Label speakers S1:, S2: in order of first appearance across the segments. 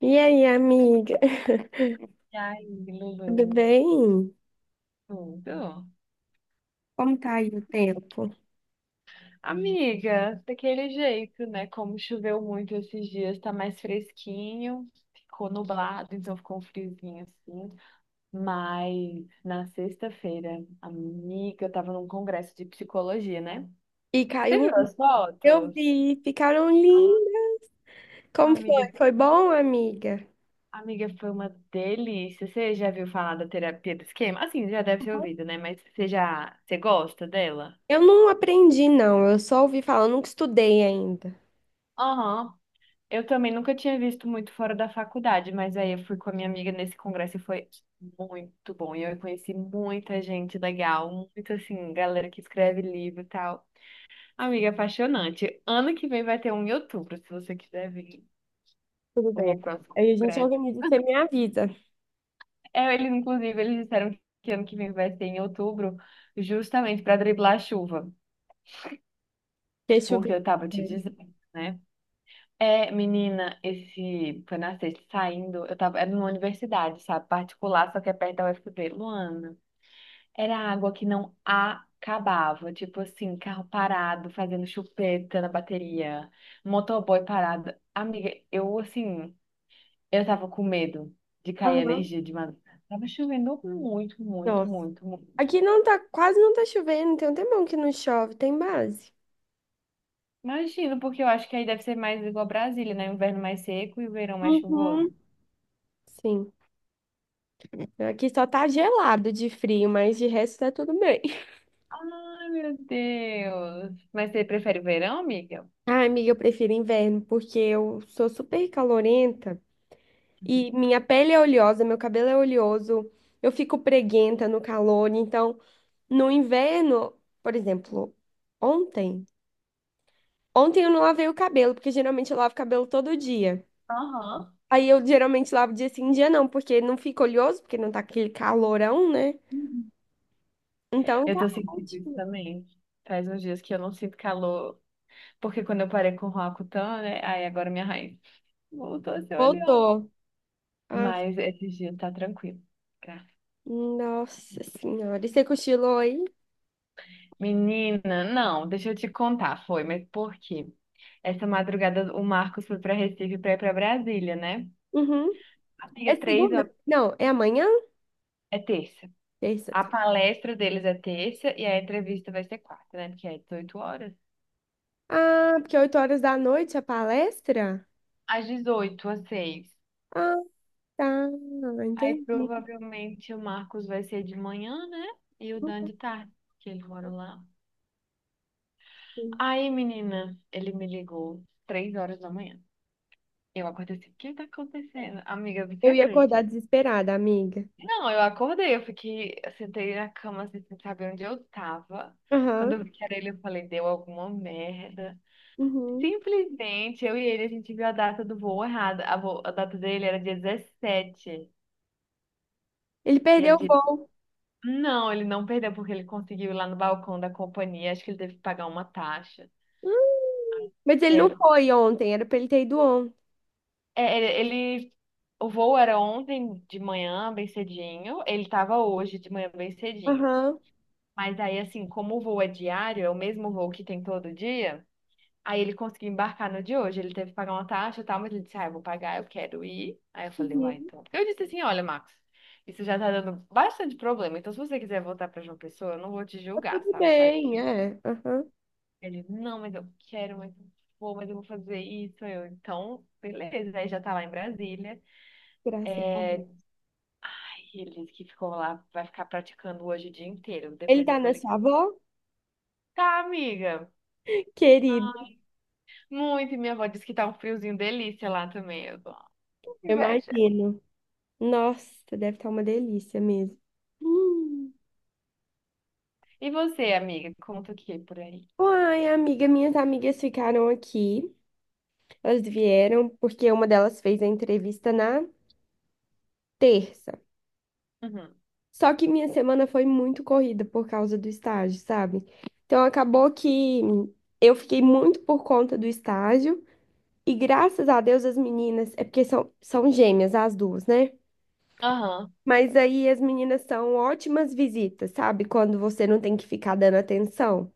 S1: E aí, amiga?
S2: Ai,
S1: Tudo
S2: Lulu,
S1: bem?
S2: tudo.
S1: Como tá aí o tempo?
S2: Amiga, daquele jeito, né? Como choveu muito esses dias, tá mais fresquinho, ficou nublado, então ficou um friozinho assim. Mas na sexta-feira, amiga, eu tava num congresso de psicologia, né?
S1: E
S2: Você
S1: caiu
S2: viu
S1: um.
S2: as
S1: Eu
S2: fotos?
S1: vi, ficaram
S2: Ah,
S1: lindas. Como foi?
S2: amiga,
S1: Foi bom, amiga?
S2: amiga, foi uma delícia. Você já viu falar da terapia do esquema? Assim, já deve ter ouvido, né? Mas você gosta dela?
S1: Eu não aprendi, não. Eu só ouvi falar, eu nunca estudei ainda.
S2: Aham. Eu também nunca tinha visto muito fora da faculdade, mas aí eu fui com a minha amiga nesse congresso e foi muito bom. E eu conheci muita gente legal, muito assim, galera que escreve livro e tal. Amiga, apaixonante. Ano que vem vai ter um em outubro, se você quiser vir,
S1: Tudo bem.
S2: o próximo
S1: Aí a gente
S2: congresso.
S1: organiza, você me avisa.
S2: É, eles, inclusive, eles disseram que ano que vem vai ser em outubro, justamente para driblar a chuva,
S1: Que choveu.
S2: porque eu tava te dizendo, né? É, menina, esse foi na sexta, saindo, era numa universidade, sabe, particular, só que é perto da UFB, Luana. Era água que não acabava, tipo assim, carro parado, fazendo chupeta na bateria, motoboy parado. Amiga, eu tava com medo de cair
S1: Aham.
S2: energia de madrugada. Tava chovendo muito, muito,
S1: Nossa.
S2: muito, muito.
S1: Aqui não tá, quase não tá chovendo, tem um tempão que não chove, tem base.
S2: Imagino, porque eu acho que aí deve ser mais igual Brasília, né? Inverno mais seco e o verão mais
S1: Uhum.
S2: chuvoso.
S1: Sim. Aqui só tá gelado de frio, mas de resto tá tudo bem.
S2: Ai, meu Deus. Mas você prefere o verão, amiga?
S1: Ah, amiga, eu prefiro inverno, porque eu sou super calorenta e minha pele é oleosa, meu cabelo é oleoso, eu fico preguenta no calor. Então, no inverno, por exemplo, ontem, eu não lavei o cabelo, porque geralmente eu lavo o cabelo todo dia.
S2: Aham.
S1: Aí eu geralmente lavo dia sim, dia não, porque não fica oleoso, porque não tá aquele calorão, né?
S2: Uhum.
S1: Então
S2: Eu
S1: tá
S2: tô sentindo isso
S1: ótimo.
S2: também. Faz uns dias que eu não sinto calor, porque quando eu parei com o Roacutan, né? Aí agora minha raiz voltou a ser oleosa.
S1: Voltou. Ah,
S2: Mas esses dias tá tranquilo, tá?
S1: nossa senhora. E você cochilou aí?
S2: Menina, não, deixa eu te contar, foi, mas por quê? Essa madrugada o Marcos foi pra Recife pra ir pra Brasília, né?
S1: Uhum. É
S2: Amiga, três
S1: segunda?
S2: horas.
S1: Não, é amanhã?
S2: É terça.
S1: Terça.
S2: A
S1: Tá.
S2: palestra deles é terça e a entrevista vai ser quarta, né? Porque é 18 horas.
S1: Ah, porque 8 horas da noite a palestra?
S2: Às 18h às 6h.
S1: Ah, tá.
S2: Aí
S1: Entendi.
S2: provavelmente o Marcos vai ser de manhã, né? E o Dan de tarde, que eles moram lá. Aí, menina, ele me ligou 3 horas da manhã. Eu acordei assim, o que tá acontecendo? Amiga, você
S1: Eu ia acordar
S2: acredita?
S1: desesperada, amiga.
S2: Não, eu acordei, eu fiquei, eu sentei na cama assim, sem saber onde eu tava. Quando
S1: Aham.
S2: eu vi que era ele, eu falei, deu alguma merda.
S1: Uhum.
S2: Simplesmente eu e ele, a gente viu a data do voo errada. A data dele era dia 17.
S1: Ele
S2: E era
S1: perdeu o
S2: dia...
S1: voo.
S2: Não, ele não perdeu porque ele conseguiu ir lá no balcão da companhia. Acho que ele teve que pagar uma taxa.
S1: Hum, Mas
S2: E
S1: ele
S2: aí
S1: não
S2: Ele,
S1: foi ontem, era pra ele ter ido ontem.
S2: é, ele- o voo era ontem de manhã, bem cedinho. Ele estava hoje de manhã, bem cedinho.
S1: Aham.
S2: Mas aí, assim, como o voo é diário, é o mesmo voo que tem todo dia. Aí ele conseguiu embarcar no de hoje, ele teve que pagar uma taxa e tal, mas ele disse, ah, eu vou pagar, eu quero ir. Aí eu falei, uai,
S1: Uhum.
S2: então. Eu disse assim, olha, Max, isso já tá dando bastante problema, então se você quiser voltar pra João Pessoa, eu não vou te
S1: Tá
S2: julgar,
S1: tudo
S2: sabe? Faz o que...
S1: bem, é. Aham.
S2: Ele, não, mas eu quero, mas eu vou fazer isso. Beleza, aí já tá lá em Brasília.
S1: Graças a
S2: É,
S1: Deus.
S2: e ele disse que ficou lá, vai ficar praticando hoje o dia inteiro.
S1: Ele
S2: Depois eu
S1: tá
S2: vou
S1: na sua
S2: ligar.
S1: avó?
S2: Tá, amiga.
S1: Querido,
S2: Muito, e minha avó disse que tá um friozinho delícia lá também. Eu tô, "Ah, que
S1: eu
S2: inveja."
S1: imagino. Nossa, deve estar uma delícia mesmo. Hum.
S2: E você, amiga, conta o que por aí?
S1: Uai, amiga, minhas amigas ficaram aqui. Elas vieram porque uma delas fez a entrevista na terça.
S2: Uhum.
S1: Só que minha semana foi muito corrida por causa do estágio, sabe? Então acabou que eu fiquei muito por conta do estágio. E graças a Deus as meninas, é porque são, são gêmeas as duas, né?
S2: Aham.
S1: Mas aí as meninas são ótimas visitas, sabe? Quando você não tem que ficar dando atenção.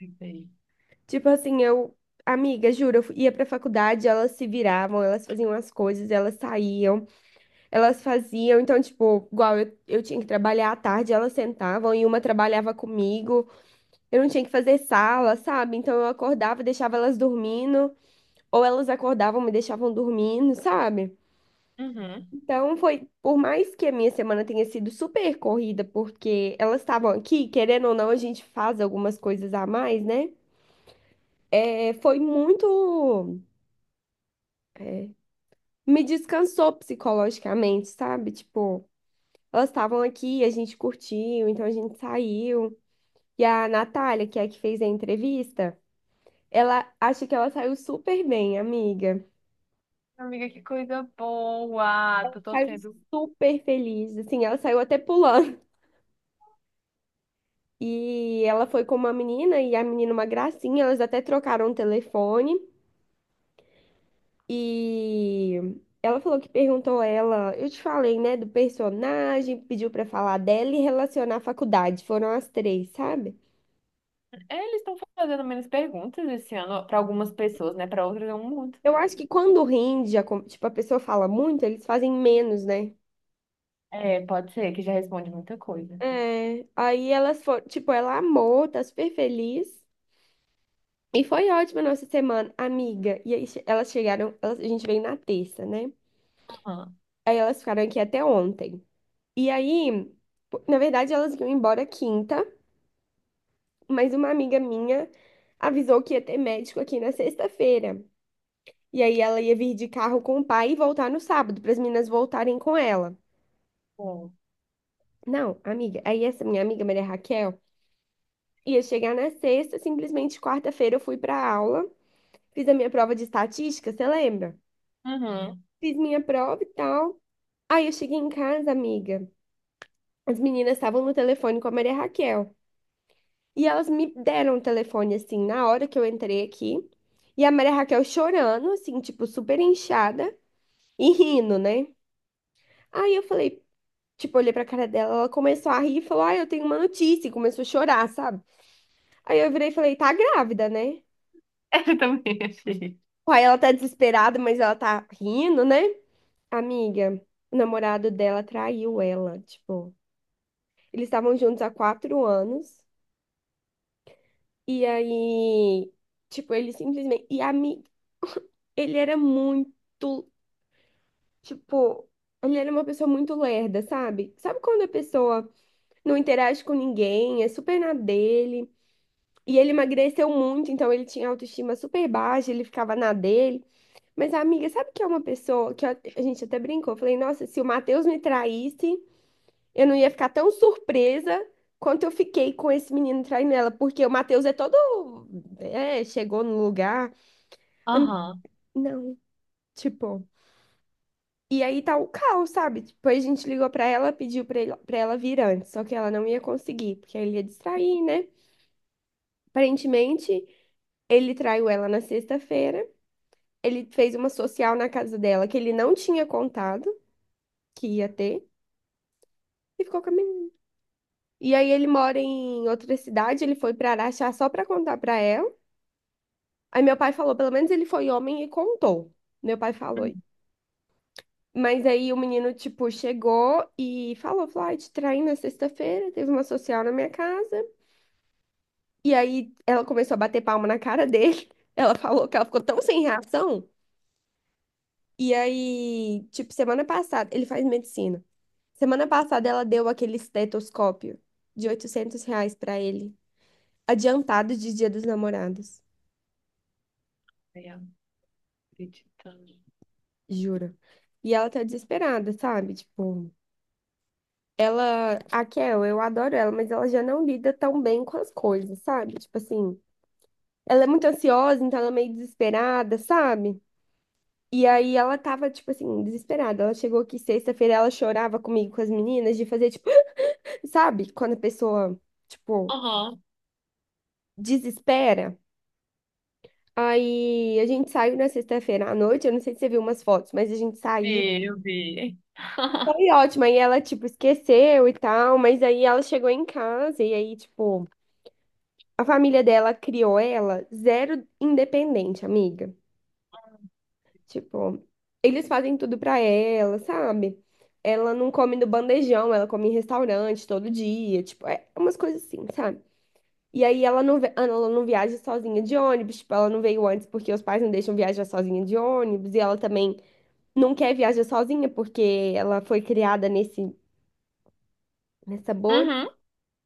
S2: Lembrei.
S1: Tipo assim, eu, amiga, juro, ia pra faculdade, elas se viravam, elas faziam as coisas, elas saíam. Elas faziam, então, tipo, igual eu, tinha que trabalhar à tarde, elas sentavam e uma trabalhava comigo. Eu não tinha que fazer sala, sabe? Então eu acordava, e deixava elas dormindo, ou elas acordavam, e me deixavam dormindo, sabe?
S2: Uhum.
S1: Então foi, por mais que a minha semana tenha sido super corrida, porque elas estavam aqui, querendo ou não, a gente faz algumas coisas a mais, né? É, foi muito. É, me descansou psicologicamente, sabe? Tipo. Elas estavam aqui, a gente curtiu, então a gente saiu. E a Natália, que é a que fez a entrevista, ela acha que ela saiu super bem, amiga.
S2: Amiga, que coisa boa. Tô
S1: Saiu
S2: torcendo.
S1: super feliz, assim, ela saiu até pulando. E ela foi com uma menina e a menina uma gracinha, elas até trocaram o telefone e ela falou que perguntou ela, eu te falei, né, do personagem, pediu pra falar dela e relacionar a faculdade. Foram as três, sabe?
S2: É, eles estão fazendo menos perguntas esse ano para algumas pessoas, né? Para outras é um monte,
S1: Eu
S2: não
S1: acho
S2: tem
S1: que
S2: que ter.
S1: quando rende, tipo, a pessoa fala muito, eles fazem menos, né?
S2: É, pode ser que já responde muita coisa.
S1: É, aí elas foram, tipo, ela amou, tá super feliz. E foi ótima a nossa semana, amiga. E aí elas chegaram, elas- a gente veio na terça, né?
S2: Aham.
S1: Aí elas ficaram aqui até ontem. E aí, pô, na verdade, elas iam embora quinta, mas uma amiga minha avisou que ia ter médico aqui na sexta-feira. E aí ela ia vir de carro com o pai e voltar no sábado, para as meninas voltarem com ela.
S2: Bom.
S1: Não, amiga, aí essa minha amiga Maria Raquel ia chegar na sexta, simplesmente quarta-feira eu fui pra aula. Fiz a minha prova de estatística, você lembra?
S2: Uhum.
S1: Fiz minha prova e tal. Aí eu cheguei em casa, amiga. As meninas estavam no telefone com a Maria Raquel. E elas me deram o telefone, assim, na hora que eu entrei aqui. E a Maria Raquel chorando, assim, tipo, super inchada e rindo, né? Aí eu falei, tipo, olhei pra cara dela, ela começou a rir e falou, ah, eu tenho uma notícia. E começou a chorar, sabe? Aí eu virei e falei, tá grávida, né?
S2: Eu também achei.
S1: Aí ela tá desesperada, mas ela tá rindo, né? Amiga, o namorado dela traiu ela, tipo, eles estavam juntos há 4 anos, e aí, tipo, ele simplesmente, e a mi... ele era muito, tipo, ele era uma pessoa muito lerda, sabe? Sabe quando a pessoa não interage com ninguém, é super na dele, e ele emagreceu muito, então ele tinha autoestima super baixa, ele ficava na dele, mas amiga, sabe que é uma pessoa que a gente até brincou, eu falei, nossa, se o Matheus me traísse... Eu não ia ficar tão surpresa quanto eu fiquei com esse menino traindo ela, porque o Matheus é todo. É, chegou no lugar. am-
S2: Aham.
S1: Não, tipo. E aí tá o caos, sabe? Depois a gente ligou pra ela, pediu pra, ele, pra ela vir antes, só que ela não ia conseguir, porque ele ia distrair, né? Aparentemente, ele traiu ela na sexta-feira. Ele fez uma social na casa dela que ele não tinha contado que ia ter e ficou com a menina. E aí ele mora em outra cidade, ele foi pra Araxá só pra contar pra ela. Aí meu pai falou, pelo menos ele foi homem e contou. Meu pai falou. Isso.
S2: Uhum.
S1: Mas aí o menino, tipo, chegou e falou, falou, ai, te traí na sexta-feira, teve uma social na minha casa. E aí ela começou a bater palma na cara dele. Ela falou que ela ficou tão sem reação. E aí, tipo, semana passada, ele faz medicina. Semana passada ela deu aquele estetoscópio de R$ 800 pra ele, adiantado de Dia dos Namorados,
S2: Ai, acreditando.
S1: juro. E ela tá desesperada, sabe? Tipo. Ela, a Kel, eu adoro ela, mas ela já não lida tão bem com as coisas, sabe? Tipo assim, ela é muito ansiosa, então ela é meio desesperada, sabe? E aí ela tava, tipo assim, desesperada. Ela chegou aqui sexta-feira, ela chorava comigo, com as meninas, de fazer, tipo, sabe? Quando a pessoa, tipo,
S2: Aham.
S1: desespera. Aí a gente saiu na sexta-feira à noite, eu não sei se você viu umas fotos, mas a gente saiu.
S2: Vi, eu vi.
S1: Foi ótimo, aí ela, tipo, esqueceu e tal, mas aí ela chegou em casa e aí, tipo. A família dela criou ela zero independente, amiga. Tipo, eles fazem tudo pra ela, sabe? Ela não come no bandejão, ela come em restaurante todo dia, tipo, é umas coisas assim, sabe? E aí ela não, ela não viaja sozinha de ônibus, tipo, ela não veio antes porque os pais não deixam viajar sozinha de ônibus, e ela também não quer viajar sozinha porque ela foi criada nessa bolha.
S2: Uhum.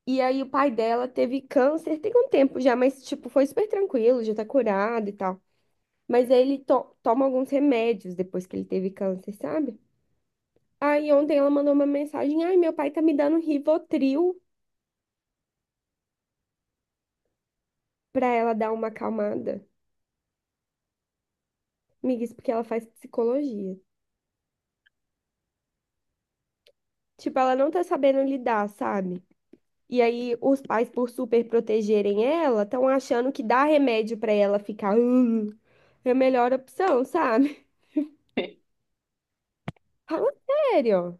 S1: E aí o pai dela teve câncer, tem um tempo já, mas tipo, foi super tranquilo, já tá curado e tal. Mas aí toma alguns remédios depois que ele teve câncer, sabe? Aí ontem ela mandou uma mensagem: Ai, meu pai tá me dando Rivotril pra ela dar uma acalmada. Amiga, isso porque ela faz psicologia. Tipo, ela não tá sabendo lidar, sabe? E aí os pais, por super protegerem ela, estão achando que dar remédio pra ela ficar é a melhor opção, sabe? Fala sério.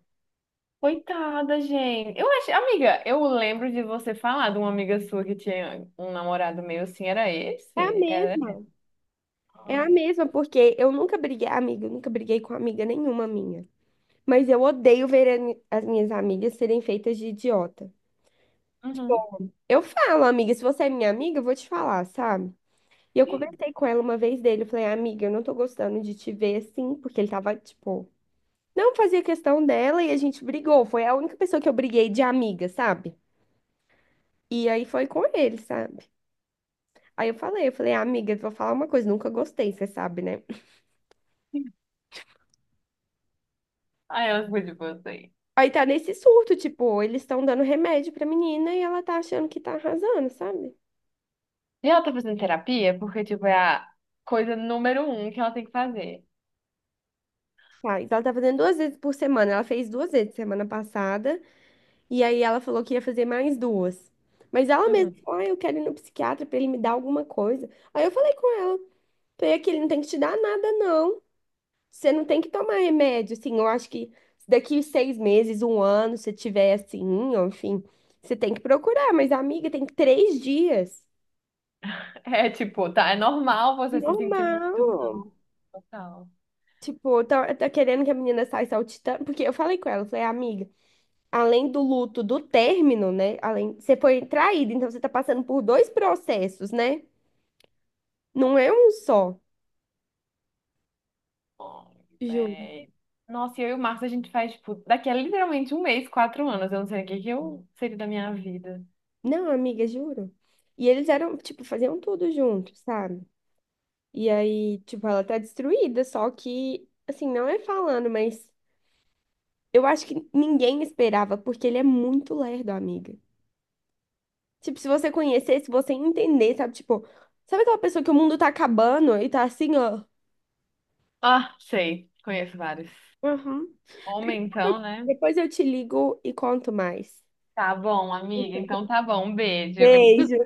S2: Coitada, gente. Eu acho, amiga, eu lembro de você falar de uma amiga sua que tinha um namorado meu assim, era
S1: É a
S2: esse? Era?
S1: mesma. É a
S2: Ah.
S1: mesma, porque eu nunca briguei, amiga, eu nunca briguei com amiga nenhuma minha. Mas eu odeio ver as minhas amigas serem feitas de idiota.
S2: Uhum.
S1: Eu falo, amiga, se você é minha amiga, eu vou te falar, sabe? E eu conversei com ela uma vez dele, eu falei, amiga, eu não tô gostando de te ver assim, porque ele tava, tipo, não fazia questão dela e a gente brigou. Foi a única pessoa que eu briguei de amiga, sabe? E aí foi com ele, sabe? Aí eu falei, amiga, vou falar uma coisa, nunca gostei, você sabe, né?
S2: Aí ela ficou tipo assim.
S1: Aí tá nesse surto, tipo, eles estão dando remédio pra menina e ela tá achando que tá arrasando, sabe?
S2: E ela tá fazendo terapia porque, tipo, é a coisa número um que ela tem que fazer.
S1: Tá, então ela tá fazendo duas vezes por semana. Ela fez duas vezes semana passada. E aí ela falou que ia fazer mais duas. Mas ela mesma
S2: Uhum.
S1: falou, ah, eu quero ir no psiquiatra pra ele me dar alguma coisa. Aí eu falei com ela, falei que ele não tem que te dar nada, não. Você não tem que tomar remédio, assim. Eu acho que daqui 6 meses, um ano, se tiver assim, ou enfim, você tem que procurar. Mas, amiga, tem 3 dias.
S2: É, tipo, tá, é normal você se sentir muito
S1: Normal.
S2: mal, tal.
S1: Tipo, tá, tá querendo que a menina saia saltitando. Porque eu falei com ela, falei, amiga. Além do luto do término, né? Além, você foi traída, então você tá passando por dois processos, né? Não é um só.
S2: Ai,
S1: Juro.
S2: véi. Nossa, e eu e o Marcos, a gente faz, tipo, daqui a literalmente um mês, 4 anos. Eu não sei o que que eu seria da minha vida.
S1: Não, amiga, juro. E eles eram, tipo, faziam tudo junto, sabe? E aí, tipo, ela tá destruída, só que, assim, não é falando, mas eu acho que ninguém esperava, porque ele é muito lerdo, amiga. Tipo, se você conhecesse, se você entender, sabe? Tipo, sabe aquela pessoa que o mundo tá acabando e tá assim, ó.
S2: Ah, sei, conheço vários.
S1: Uhum.
S2: Homem,
S1: Depois eu
S2: então, né?
S1: depois eu te ligo e conto mais.
S2: Tá bom, amiga, então tá bom, um beijo.
S1: Beijo.